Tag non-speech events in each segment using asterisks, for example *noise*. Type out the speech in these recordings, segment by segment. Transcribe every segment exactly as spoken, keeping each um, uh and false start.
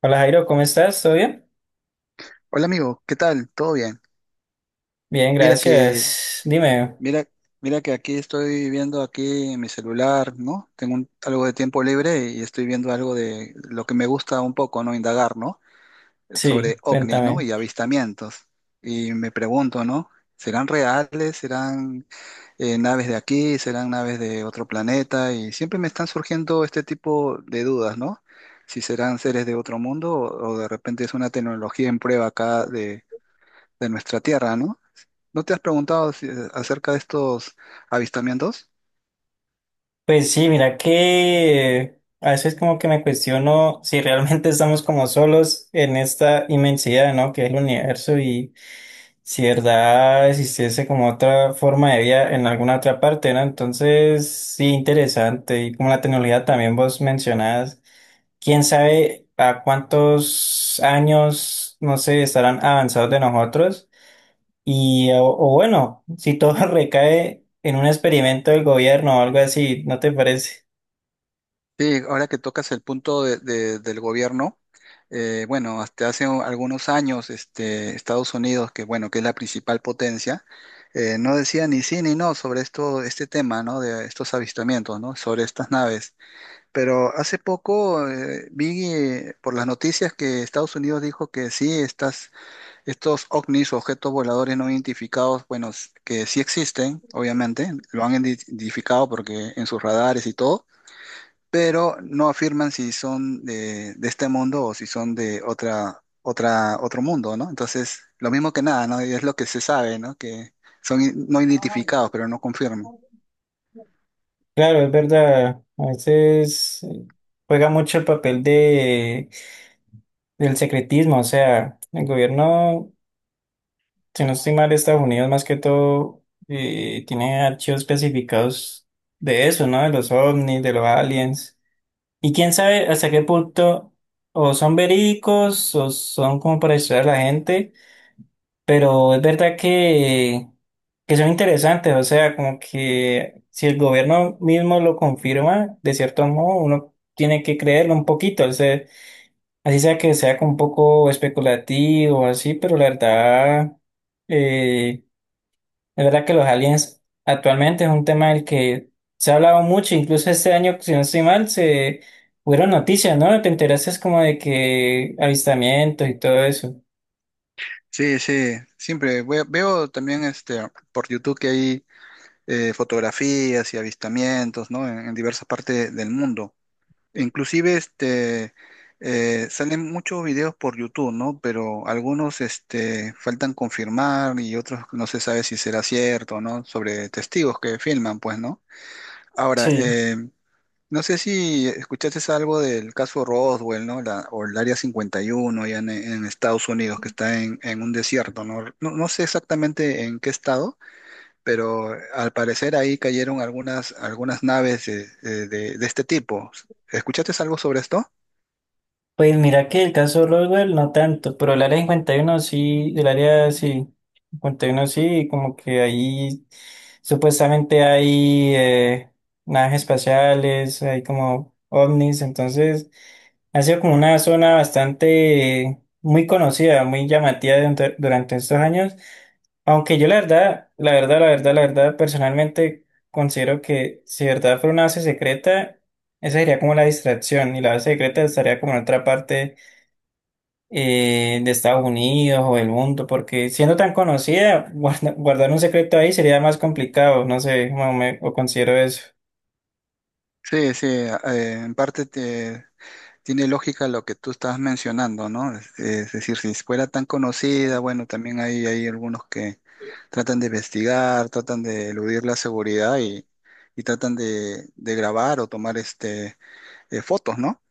Hola Jairo, ¿cómo estás? ¿Todo bien? Hola amigo, ¿qué tal? ¿Todo bien? Bien, Mira que, gracias. Dime, mira, mira que aquí estoy viendo aquí en mi celular, ¿no? Tengo un- algo de tiempo libre y estoy viendo algo de lo que me gusta un poco, ¿no? Indagar, ¿no? sí, Sobre ovnis, ¿no? cuéntame. Y avistamientos. Y me pregunto, ¿no? ¿Serán reales? ¿Serán eh, naves de aquí? ¿Serán naves de otro planeta? Y siempre me están surgiendo este tipo de dudas, ¿no? Si serán seres de otro mundo o, o de repente es una tecnología en prueba acá de, de nuestra Tierra, ¿no? ¿No te has preguntado si- eh, acerca de estos avistamientos? Pues sí, mira que a veces como que me cuestiono *laughs* si realmente estamos como solos en esta inmensidad, ¿no? Que es el universo y si de verdad existiese como otra forma de vida en alguna otra parte, ¿no? Entonces, sí, interesante. Y como la tecnología también vos mencionás, quién sabe a cuántos años, no sé, estarán avanzados de nosotros. Y, o, o bueno, si todo *laughs* recae en un experimento del gobierno o algo así, ¿no te parece? Sí, ahora que tocas el punto de- de- del gobierno, eh, bueno, hasta hace un- algunos años, este, Estados Unidos, que bueno, que es la principal potencia, eh, no decía ni sí ni no sobre esto, este tema, ¿no? De estos avistamientos, ¿no? Sobre estas naves. Pero hace poco eh, vi eh, por las noticias que Estados Unidos dijo que sí, estas estos ovnis, objetos voladores no identificados, bueno, s- que sí existen. Obviamente, lo han indi- identificado porque en sus radares y todo, pero no afirman si son de, de este mundo o si son de otra, otra, otro mundo, ¿no? Entonces, lo mismo que nada, ¿no? Y es lo que se sabe, ¿no? Que son i- no identificados, pero no confirman. Claro, es verdad. A veces eh, juega mucho el papel de, del secretismo. O sea, el gobierno, si no estoy mal, de Estados Unidos más que todo eh, tiene archivos especificados de eso, ¿no? De los ovnis, de los aliens. Y quién sabe hasta qué punto o son verídicos o son como para distraer a la gente. Pero es verdad que, que son interesantes, o sea, como que si el gobierno mismo lo confirma, de cierto modo, uno tiene que creerlo un poquito, o sea, así sea que sea como un poco especulativo, así, pero la verdad, eh, la verdad que los aliens actualmente es un tema del que se ha hablado mucho, incluso este año, si no estoy mal, se fueron noticias, ¿no? Te enteraste como de que avistamientos y todo eso. Sí, sí, siempre ve- veo también este por YouTube que hay eh, fotografías y avistamientos, ¿no? En, en diversas partes del mundo. Inclusive este eh, salen muchos videos por YouTube, ¿no? Pero algunos este, faltan confirmar y otros no se sabe si será cierto, ¿no? Sobre testigos que filman, pues, ¿no? Ahora, Sí. eh, no sé si escuchaste algo del caso Roswell, ¿no? La- o el Área cincuenta y uno allá en, en Estados Unidos, que está en, en un desierto, ¿no? No, no sé exactamente en qué estado, pero al parecer ahí cayeron algunas, algunas naves eh, eh, de de este tipo. ¿Escuchaste algo sobre esto? Pues mira que el caso Roswell no tanto, pero el área cincuenta y uno sí, el área sí, cincuenta y uno sí, como que ahí supuestamente hay eh, naves espaciales, hay como ovnis, entonces ha sido como una zona bastante eh, muy conocida, muy llamativa durante, durante estos años. Aunque yo la verdad, la verdad, la verdad, la verdad, personalmente considero que si de verdad fuera una base secreta, esa sería como la distracción y la base secreta estaría como en otra parte eh, de Estados Unidos o del mundo, porque siendo tan conocida, *laughs* guarda- guardar un secreto ahí sería más complicado, no sé, como me, o considero eso. Sí, sí, eh, en parte te- tiene lógica lo que tú estás mencionando, ¿no? Es, es decir, si fuera tan conocida, bueno, también hay, hay algunos que tratan de investigar, tratan de eludir la seguridad y, y tratan de, de grabar o tomar este, eh, fotos, ¿no?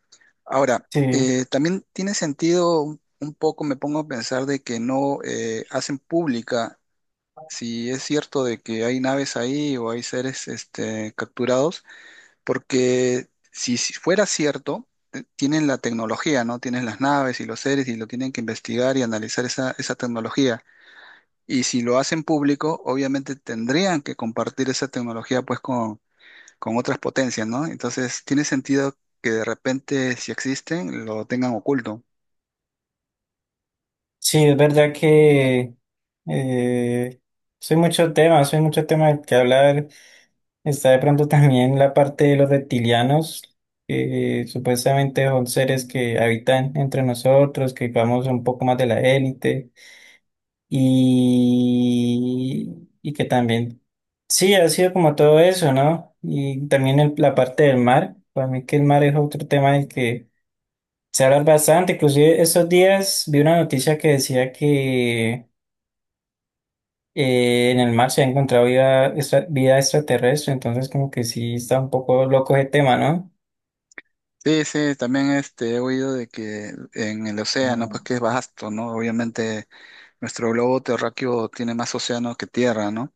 Ahora, Sí, eh, también tiene sentido un un poco, me pongo a pensar de que no eh, hacen pública si es cierto de que hay naves ahí o hay seres este, capturados porque si si fuera cierto, eh, tienen la tecnología, ¿no? Tienen las naves y los seres y lo tienen que investigar y analizar esa, esa tecnología. Y si lo hacen público, obviamente tendrían que compartir esa tecnología pues con, con otras potencias, ¿no? Entonces tiene sentido que de repente, si existen, lo tengan oculto. sí, es verdad que eh, soy mucho tema, soy mucho tema que hablar. Está de pronto también la parte de los reptilianos, que supuestamente son seres que habitan entre nosotros, que vamos un poco más de la élite y, y que también, sí, ha sido como todo eso, ¿no? Y también el- la parte del mar, para mí que el mar es otro tema del que se habla bastante, inclusive estos días vi una noticia que decía que eh, en el mar se ha encontrado vida, extra- vida extraterrestre, entonces como que sí está un poco loco ese tema, ¿no? Sí, sí, también este, he oído de que en el océano, pues que es vasto, ¿no? Obviamente nuestro globo terráqueo tiene más océano que tierra, ¿no?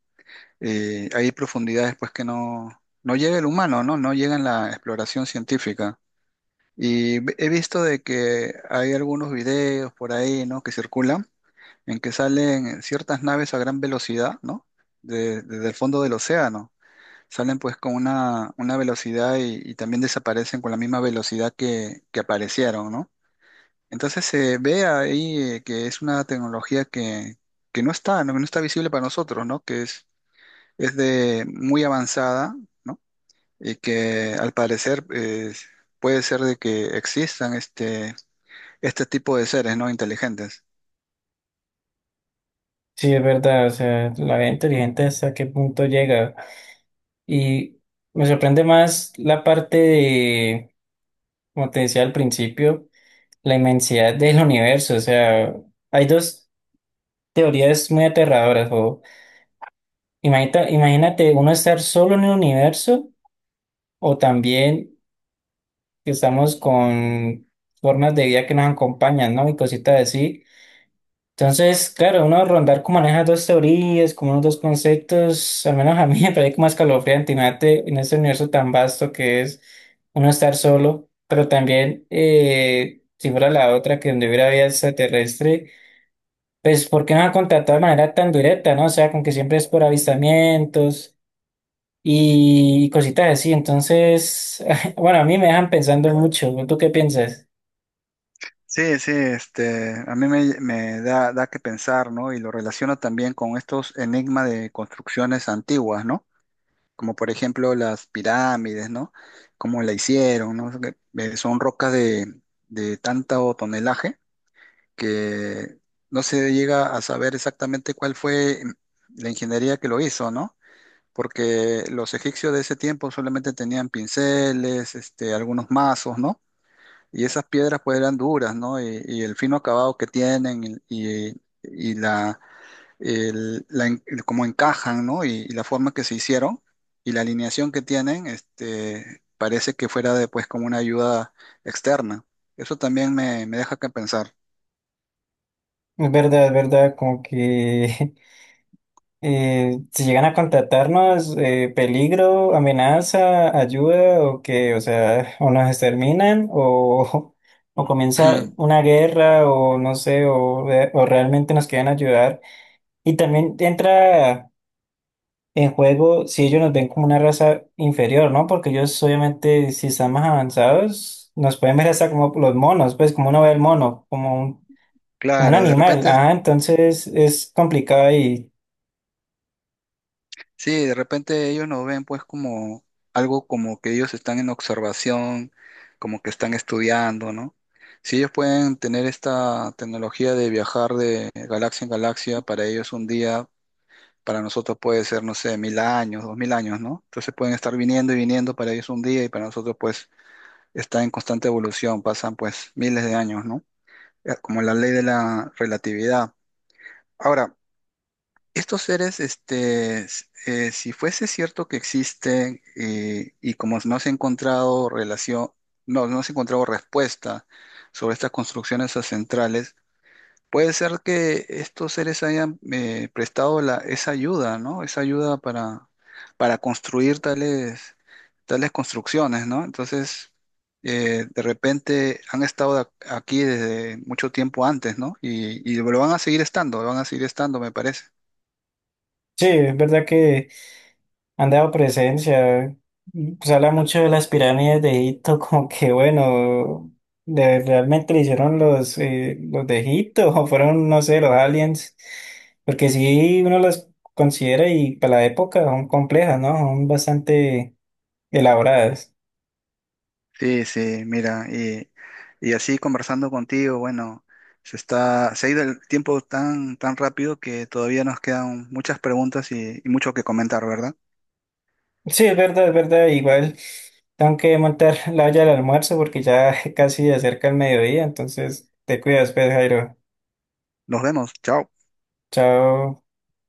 Eh, hay profundidades pues que no, no llega el humano, ¿no? No llega en la exploración científica. Y ve- he visto de que hay algunos videos por ahí, ¿no? Que circulan en que salen ciertas naves a gran velocidad, ¿no? De- desde el fondo del océano. Salen pues con una, una velocidad y, y también desaparecen con la misma velocidad que, que aparecieron, ¿no? Entonces se ve ahí eh, que es una tecnología que, que no está, no, no está visible para nosotros, ¿no? Es de muy avanzada, ¿no? Y que al parecer eh, puede ser de que existan este, este tipo de seres, ¿no? Inteligentes. Sí, es verdad, o sea, la vida inteligente hasta qué punto llega. Y me sorprende más la parte de, como te decía al principio, la inmensidad del universo. O sea, hay dos teorías muy aterradoras. O imagínate, imagínate uno estar solo en el universo o también que estamos con formas de vida que nos acompañan, ¿no? Y cositas así. Entonces, claro, uno rondar como maneja dos teorías, como unos dos conceptos, al menos a mí *laughs* me parece como escalofriante, imagínate en este universo tan vasto que es uno estar solo, pero también, eh, si fuera la otra, que donde hubiera vida extraterrestre, pues, ¿por qué no ha contactado de manera tan directa, no? O sea, con que siempre es por avistamientos y cositas así, entonces, *laughs* bueno, a mí me dejan pensando mucho, ¿tú qué piensas? Sí, sí, este, a mí me, me da, da que pensar, ¿no? Y lo relaciono también con estos enigmas de construcciones antiguas, ¿no? Como por ejemplo las pirámides, ¿no? Cómo la hicieron, ¿no? Que, eh, son rocas de, de tanto tonelaje que no se llega a saber exactamente cuál fue la ingeniería que lo hizo, ¿no? Porque los egipcios de ese tiempo solamente tenían pinceles, este, algunos mazos, ¿no? Y esas piedras pues eran duras, ¿no? Y, y el fino acabado que tienen y, y- y la, el- la en- el cómo encajan, ¿no? Y, y la forma que se hicieron y la alineación que tienen, este, parece que fuera de, pues como una ayuda externa. Eso también me, me deja que pensar. Es verdad, es verdad, como que *laughs* Eh, si llegan a contratarnos, eh, peligro, amenaza, ayuda, o que, o sea, *laughs* o nos exterminan, o, *laughs* o comienza *laughs* una guerra, o no sé, o, re- o realmente nos quieren ayudar. Y también entra en juego si ellos nos ven como una raza inferior, ¿no? Porque ellos, obviamente, si están más avanzados, nos pueden ver hasta como los monos, pues como uno ve el mono, como un, como un, Claro, de animal. repente, Ajá, entonces es complicado y sí, de repente ellos nos ven pues como algo como que ellos están en observación, como que están estudiando, ¿no? Si ellos pueden tener esta tecnología de viajar de galaxia en galaxia, para ellos un día, para nosotros puede ser, no sé, mil años, dos mil años, ¿no? Entonces pueden estar viniendo y viniendo, para ellos un día y para nosotros pues está en constante evolución, pasan pues miles de años, ¿no? Eh, como la ley de la relatividad. Ahora, estos seres, este, s- eh, si fuese cierto que existen eh, y como no se ha encontrado relación, no, no se ha encontrado respuesta sobre estas construcciones ancestrales, puede ser que estos seres hayan eh, prestado la, esa ayuda, ¿no? Esa ayuda para, para construir tales, tales construcciones, ¿no? Entonces, eh, de repente han estado ac- aquí desde mucho tiempo antes, ¿no? Y, y lo van a seguir estando, lo van a seguir estando, me parece. sí, es verdad que han dado presencia. Y, pues habla mucho de las pirámides de Egipto, *laughs* como que bueno, de, realmente lo hicieron los, eh, los de Egipto *laughs* o fueron, no sé, los aliens, porque si uno las considera y para la época son complejas, ¿no? Son bastante elaboradas. Sí, sí, mira, y, y así conversando contigo, bueno, se está, se ha ido el tiempo tan, tan rápido que todavía nos quedan muchas preguntas y, y mucho que comentar, ¿verdad? Sí, es verdad, es verdad, igual tengo que montar *laughs* la olla del almuerzo porque ya *laughs* casi acerca el mediodía, entonces te cuidas, pues, Jairo. Nos vemos, chao. Chao.